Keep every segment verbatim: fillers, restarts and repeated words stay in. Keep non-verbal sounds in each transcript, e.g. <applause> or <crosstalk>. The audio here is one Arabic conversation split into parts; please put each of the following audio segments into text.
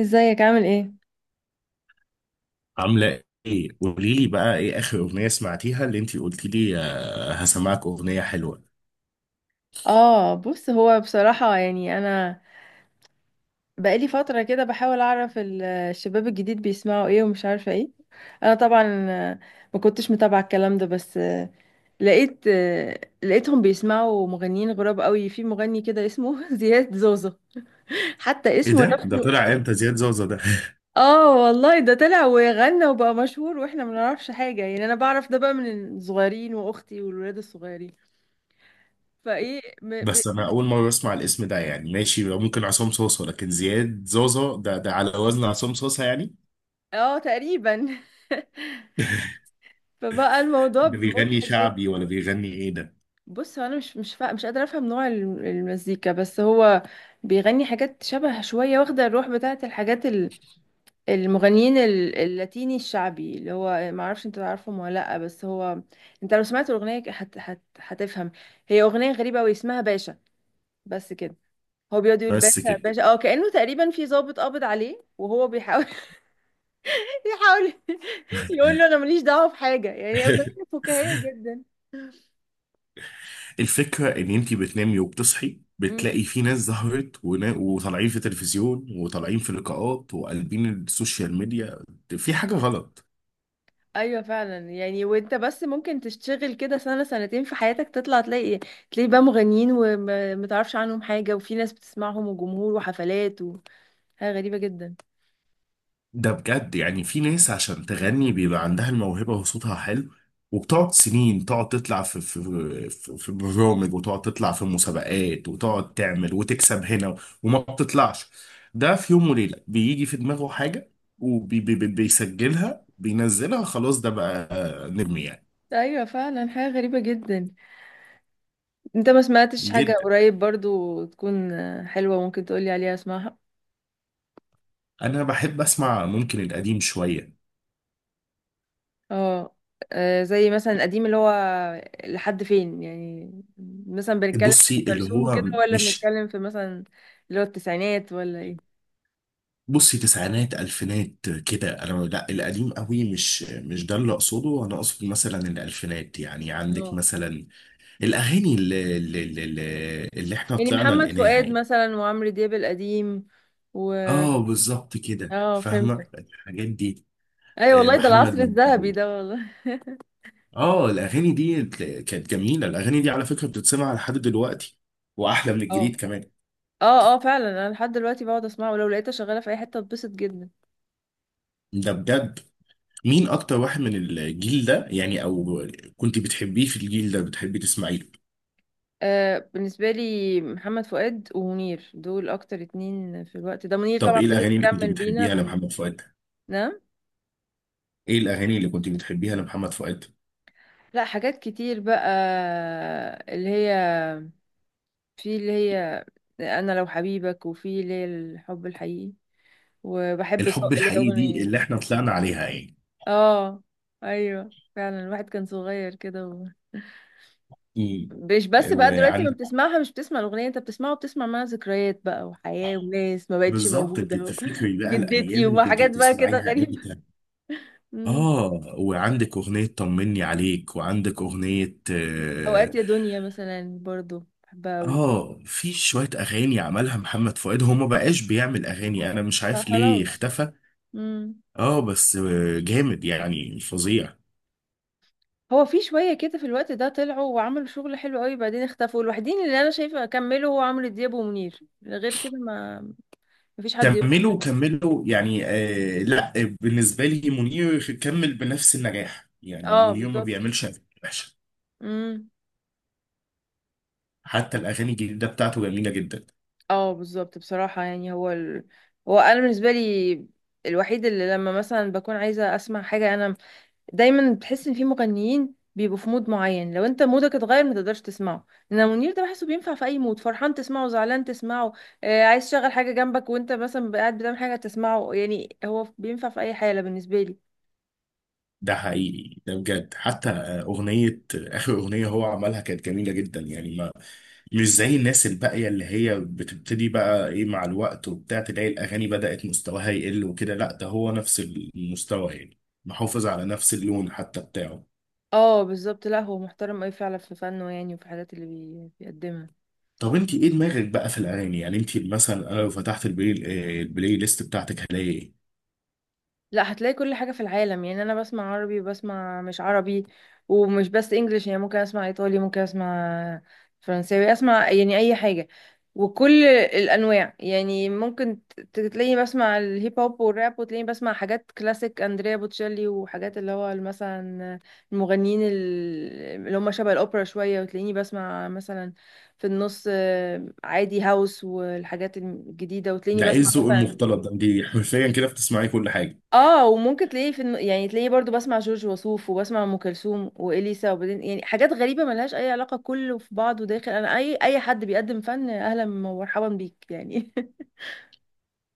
ازيك، عامل ايه؟ عاملة ايه؟ قولي لي بقى ايه اخر اغنية سمعتيها اللي انتي قلتي لي آه، هسمعك اغنية حلوة. اه بص، هو بصراحة يعني انا بقالي فترة كده بحاول اعرف ال- الشباب الجديد بيسمعوا ايه ومش عارفة ايه. انا طبعا ما كنتش متابعة الكلام ده، بس لقيت لقيتهم بيسمعوا مغنيين غراب قوي. في مغني كده اسمه <laughs> زياد زوزو، حتى ايه اسمه ده؟ ده نفسه. طلع امتى زياد زوزة ده؟ اه والله، ده طلع وغنى وبقى مشهور واحنا ما نعرفش حاجة، يعني انا بعرف ده بقى من الصغيرين واختي والولاد الصغيرين. فايه م... <laughs> ب... بس انا اول مرة اسمع الاسم ده، يعني ماشي، ممكن عصام صوصة، لكن زياد زوزة ده، ده على وزن عصام صوصة يعني؟ اه تقريبا. <laughs> فبقى الموضوع ده بيغني مضحك شعبي جدا. ولا بيغني ايه ده؟ بص، هو انا مش مش فا... مش قادره افهم نوع الم- المزيكا، بس هو بيغني حاجات شبه شويه واخده الروح بتاعه الحاجات ال- المغنيين ال- اللاتيني الشعبي، اللي هو ما اعرفش انت تعرفهم ولا لا، بس هو انت لو سمعت الاغنيه هت... هت... هتفهم. هي اغنيه غريبه قوي اسمها باشا، بس كده. هو بيقعد يقول بس باشا كده. باشا، اه كانه تقريبا في ضابط قابض عليه وهو بيحاول <laughs> يحاول يقول له انا ماليش دعوه بحاجه، يعني اغنيه <laughs> فكاهيه جدا. الفكرة ان انتي بتنامي وبتصحي امم. بتلاقي في ناس ظهرت ونا- وطالعين في تلفزيون وطالعين في لقاءات وقلبين السوشيال ميديا. في حاجة غلط. ايوه فعلا، يعني وانت بس ممكن تشتغل كده سنه سنتين في حياتك، تطلع تلاقي تلاقي بقى مغنيين ومتعرفش عنهم حاجه، وفي ناس بتسمعهم وجمهور وحفلات وحاجه غريبه جدا. ده بجد، يعني في ناس عشان تغني بيبقى عندها الموهبة وصوتها حلو وبتقعد سنين تقعد تطلع في في في في برامج وتقعد تطلع في مسابقات وتقعد تعمل وتكسب هنا وما بتطلعش. ده في يوم وليلة بيجي في دماغه حاجة وبيسجلها بينزلها، خلاص ده بقى نجم يعني. ايوه فعلا، حاجه غريبه جدا. انت ما سمعتش حاجه جدا. قريب برضو تكون حلوه ممكن تقولي عليها اسمعها؟ انا بحب اسمع، ممكن القديم شوية. اه. آه، زي مثلا القديم، اللي هو لحد فين يعني؟ مثلا بنتكلم في بصي ام اللي كلثوم هو وكده، ولا مش بنتكلم في مثلا اللي هو التسعينات ولا ايه؟ بصي تسعينات الفينات كده، انا لا القديم قوي، مش مش ده اللي اقصده، انا اقصد مثلا الالفينات، يعني عندك اه، مثلا الاغاني اللي اللي, اللي, اللي احنا يعني طلعنا محمد لقيناها فؤاد يعني. مثلا، وعمرو دياب القديم و... اه بالظبط كده، اه، فاهمه فهمتك. الحاجات دي. ايوه آه، والله، ده محمد العصر الذهبي منير. ده والله. اه الاغاني دي تل- كانت جميله، الاغاني دي على فكره بتتسمع لحد دلوقتي واحلى من الجديد اه، كمان. اه، اه فعلا، انا لحد دلوقتي بقعد اسمعه، ولو لقيتها شغاله في اي حته اتبسط جدا. ده بجد، مين اكتر واحد من الجيل ده يعني، او كنت بتحبيه في الجيل ده بتحبي تسمعيه؟ آه، بالنسبه لي محمد فؤاد ومنير، دول اكتر اتنين في الوقت ده. منير طب طبعا ايه فضل الاغاني اللي كنت مكمل بينا بتحبيها ب... لمحمد فؤاد؟ نعم؟ ايه الاغاني اللي كنت بتحبيها لمحمد فؤاد؟ لا، حاجات كتير بقى، اللي هي في اللي هي انا لو حبيبك، وفي اللي هي الحب الحقيقي، وبحب سوق، الحب اللي هي الحقيقي دي اغنيه. اللي احنا طلعنا عليها يعني. اه، ايوه فعلا، الواحد كان صغير كده و... امم. مش بس بقى دلوقتي ما وعندك، بتسمعها، مش بتسمع الاغنيه، انت بتسمعها وبتسمع معاها ذكريات بقى وحياه وناس ما بقتش بالظبط انت موجوده و... بتفتكري <laughs> بقى الايام جدتي اللي وما كنت حاجات بقى كده بتسمعيها غريبه. <laughs> امتى. مم. اه. وعندك اغنيه طمني عليك، وعندك اغنيه اه اوقات يا دنيا مثلا برضو بحبها قوي. آه، في شويه اغاني عملها محمد فؤاد، هو ما بقاش بيعمل اغاني، انا مش عارف ليه فخلاص. اختفى. امم. اه بس آه، جامد يعني، فظيع. هو في شويه كده في الوقت ده طلعوا وعملوا شغل حلو قوي، بعدين اختفوا. الوحيدين اللي انا شايفه كملوا هو عمرو دياب ومنير، غير كده ما مفيش حد يقول. كملوا كملوا يعني آه لا، بالنسبة لي منير كمل بنفس النجاح، يعني اه منير ما بالظبط. بيعملش أغاني وحشة. امم. حتى الأغاني الجديدة بتاعته جميلة جدا. اه بالظبط، بصراحة يعني هو ال... هو انا بالنسبة لي الوحيد اللي لما مثلا بكون عايزة اسمع حاجة. انا دايما بتحس ان في مغنيين بيبقوا في مود معين، لو انت مودك اتغير ما تقدرش تسمعه. انما منير ده بحسه بينفع في اي مود، فرحان تسمعه، زعلان تسمعه، آه عايز تشغل حاجة جنبك وانت مثلا قاعد بتعمل حاجة تسمعه. يعني هو بينفع في اي حالة بالنسبة لي. ده حقيقي، ده بجد. حتى آه، أغنية، آخر أغنية هو عملها كانت جميلة جدا، يعني ما، مش زي الناس الباقية اللي هي بتبتدي بقى إيه مع الوقت وبتاع، تلاقي الأغاني بدأت مستواها يقل وكده. لا ده هو نفس المستوى يعني، محافظ على نفس اللون حتى بتاعه. اه بالظبط، لا هو محترم اوي فعلا في فنه، يعني وفي الحاجات اللي بي... بيقدمها. طب انت ايه دماغك بقى في الاغاني، يعني انت مثلا، انا لو فتحت البلاي آه، البلاي ليست بتاعتك هلاقي ايه؟ لا، هتلاقي كل حاجة في العالم، يعني أنا بسمع عربي وبسمع مش عربي. ومش بس إنجليش، يعني ممكن أسمع إيطالي، ممكن أسمع فرنساوي، أسمع يعني أي حاجة وكل الأنواع. يعني ممكن ت- تلاقيني بسمع الهيب هوب والراب، وتلاقيني بسمع حاجات كلاسيك أندريا بوتشيلي وحاجات اللي هو مثلا المغنيين ال- اللي هم شبه الأوبرا شوية، وتلاقيني بسمع مثلا في النص آه، عادي هاوس والحاجات الجديدة، وتلاقيني ده ايه بسمع الذوق مثلا المختلط ده، انت حرفيا كده بتسمعي كل حاجه. اه. وممكن تلاقيه في الم... يعني تلاقيه برضو، بسمع جورج وسوف وبسمع ام كلثوم واليسا، وبعدين يعني حاجات غريبه ملهاش اي علاقه، كله في بعضه داخل. انا اي اي حد بيقدم فن، اهلا ومرحبا بيك يعني.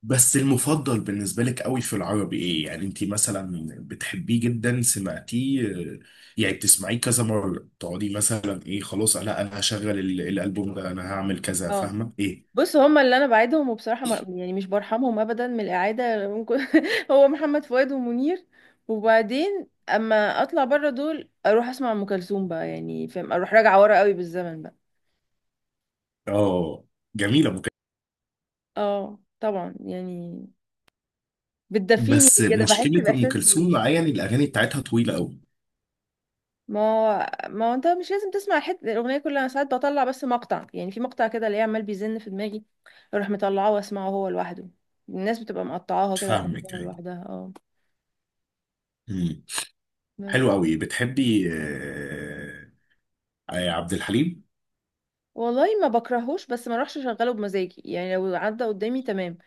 بس المفضل بالنسبه لك قوي في العربي ايه، يعني انت مثلا بتحبيه جدا، سمعتيه آه، يعني بتسمعيه كذا مره، تقعدي مثلا ايه خلاص، لا انا هشغل ال- الالبوم ده، انا هعمل <laughs> كذا، اه فاهمه ايه؟ بص، هما اللي انا بعيدهم وبصراحه مر... يعني مش برحمهم ابدا من الاعاده ممكن. <laughs> هو محمد فؤاد ومنير. وبعدين اما اطلع بره دول، اروح اسمع ام كلثوم بقى، يعني فاهم، اروح راجعه ورا قوي بالزمن بقى. اه جميله ام كلثوم. اه طبعا يعني، بتدفيني بس كده، بحس مشكله ام باحساس. كلثوم معايا ان الاغاني بتاعتها طويله قوي. ما ما هو انت مش لازم تسمع حت... الاغنيه كلها، انا ساعات بطلع بس مقطع، يعني في مقطع كده اللي عمال بيزن في دماغي اروح مطلعاه واسمعه هو لوحده. الناس بتبقى مقطعاها كده فاهمك وحطاها لوحدها. اه يعني. بس. حلو قوي، بتحبي آه، آه، عبد الحليم؟ والله ما بكرهوش، بس ما اروحش اشغله بمزاجي، يعني لو عدى قدامي تمام.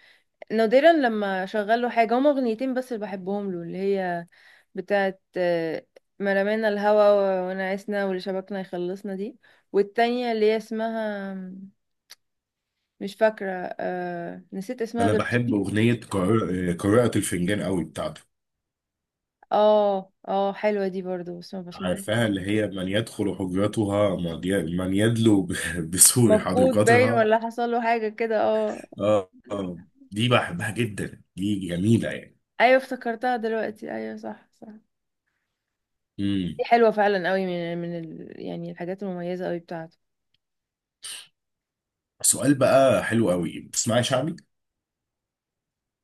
نادرا لما اشغله حاجه. هما اغنيتين بس اللي بحبهم له، اللي هي بتاعت آه، مرمانا الهوا ونعسنا واللي شبكنا يخلصنا دي، والتانية اللي هي اسمها مش فاكرة، آه نسيت اسمها انا بحب دلوقتي. اغنيه قراءه آه، قراءة الفنجان قوي بتاعته. اه اه، حلوة دي برضو بس ما بسمعهاش. عارفاها اللي هي من يدخل حجرتها، من ي- من يدلو ب- <laughs> بسور مفقود باين حديقتها. ولا حصل له حاجة كده، اه. اه آه. دي بحبها جدا، دي جميله يعني. ايوه افتكرتها دلوقتي، ايوه صح صح. امم. دي حلوة فعلا قوي، من من ال... يعني الحاجات المميزة قوي بتاعته. سؤال بقى حلو قوي، بتسمعي شعبي؟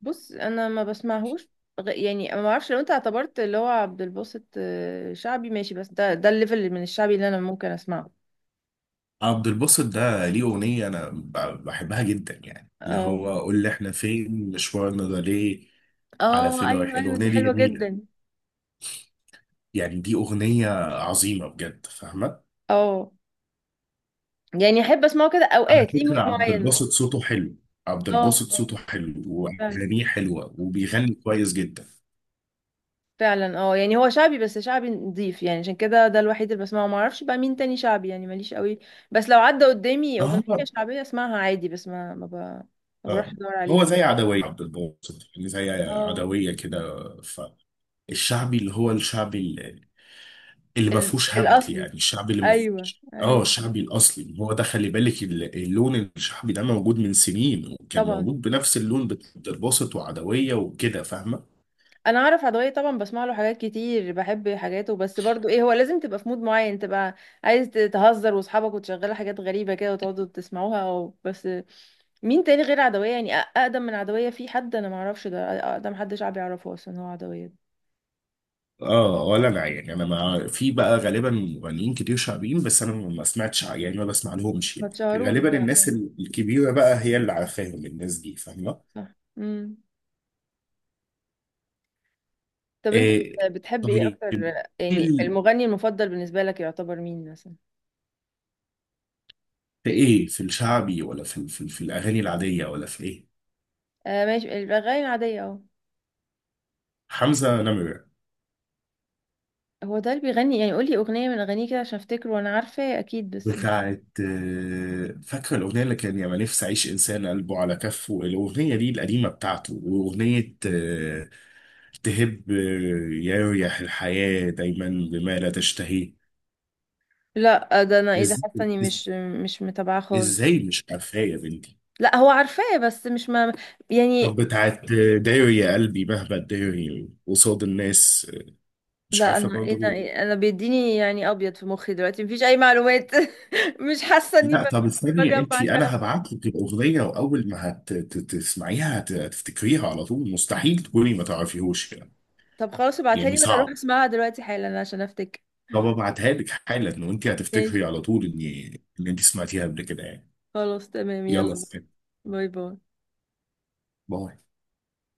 بص، انا ما بسمعهوش. غ- يعني ما اعرفش، لو انت اعتبرت اللي هو عبد الباسط آه، شعبي، ماشي، بس ده ده الليفل من الشعبي اللي انا ممكن اسمعه. عبد الباسط ده ليه اغنيه انا ب- بحبها جدا، يعني اللي اه هو قول لي احنا فين مشوارنا ده ليه. على اه، فين رايح، ايوه ايوه، الاغنيه دي دي حلوة جميله جدا. يعني، دي أغنية عظيمة بجد، فاهمة. اه يعني احب اسمعه كده على اوقات ليه مود فكرة عبد معين مثلا. الباسط صوته حلو. عبد اه الباسط اه صوته حلو فعلا. وأغانيه حلوة وبيغني كويس جدا. فعلا اه، يعني هو شعبي بس شعبي نضيف، يعني عشان كده ده الوحيد اللي بسمعه، ما اعرفش بقى مين تاني شعبي، يعني ماليش قوي. بس لو عدى قدامي اغنية اه شعبية اسمعها عادي، بس ما ما, ب... ما اه. بروحش ادور هو عليها. زي عدوية عبد الباسط، يعني زي اه. عدوية كده. فالشعبي اللي هو الشعبي، اللي اللي ما ال... فيهوش هبد، الاصلي. يعني الشعبي اللي ما ايوه فيهوش اه، ايوه الشعبي الأصلي هو ده، خلي بالك ال- اللون الشعبي ده موجود من سنين، وكان طبعا. موجود بنفس اللون بتاع عبد الباسط وعدوية وكده، فاهمة. انا اعرف عدوية طبعا، بسمع له حاجات كتير، بحب حاجاته، بس برضو ايه، هو لازم تبقى في مود معين، تبقى عايز ت- تهزر واصحابك وتشغلوا حاجات غريبة كده وتقعدوا تسمعوها او بس. مين تاني غير عدوية يعني؟ أ- اقدم من عدوية في حد؟ انا ما اعرفش، ده اقدم حد شعبي يعرفه اصلا هو عدوية ده. اه ولا انا يعني، انا ما في بقى غالبا مغنيين كتير شعبيين، بس انا ما سمعتش ع- يعني ما بسمع لهمش ما يعني. تشهروش غالبا بقى الناس آه، ال- الكبيره بقى هي اللي عارفاهم الناس دي، فاهمه. صح. امم. طب انت إيه. بت- بتحب ايه طيب، اكتر؟ في يعني ال- المغني المفضل بالنسبة لك يعتبر مين مثلا؟ في ايه، في الشعبي ولا في ال- في, ال- في الاغاني العاديه ولا في ايه؟ آه ماشي، الاغاني العادية اهو. حمزه نمره. هو ده اللي بيغني؟ يعني قولي اغنية من اغانيه كده عشان افتكر، وانا عارفة اكيد بس. بتاعت آه، فاكره الاغنيه اللي كان يا ما نفسي اعيش انسان قلبه على كفه، الاغنيه دي القديمه بتاعته، واغنيه آه، تهب، يريح الحياة دايما بما لا تشتهيه. لا ده انا ايه ده، إز... حاسه اني إز... مش مش متابعاه خالص. ازاي مش عارفاه يا بنتي؟ لا هو عارفاه، بس مش ما طب يعني. بتاعت داري يا قلبي مهما تداري قصاد الناس؟ مش لا عارفة انا ايه ده، برضه. إيه انا بيديني يعني، ابيض في مخي دلوقتي مفيش اي معلومات. <laughs> مش حاسه اني ب- لا طب استني انت، بجمع انا كلام. هبعت لك الاغنيه، واول ما هت- ت- تسمعيها هت- هتفتكريها على طول، مستحيل تكوني ما تعرفيهوش يعني. طب خلاص، ابعتها لي يعني وانا اروح صعب. اسمعها دلوقتي حالا عشان افتكر. طب ابعتها لك حالا وانت ماشي. هتفتكري على طول ان ان انت سمعتيها قبل كده يعني. خلاص تمام، يلا يلا. سلام. باي باي. باي.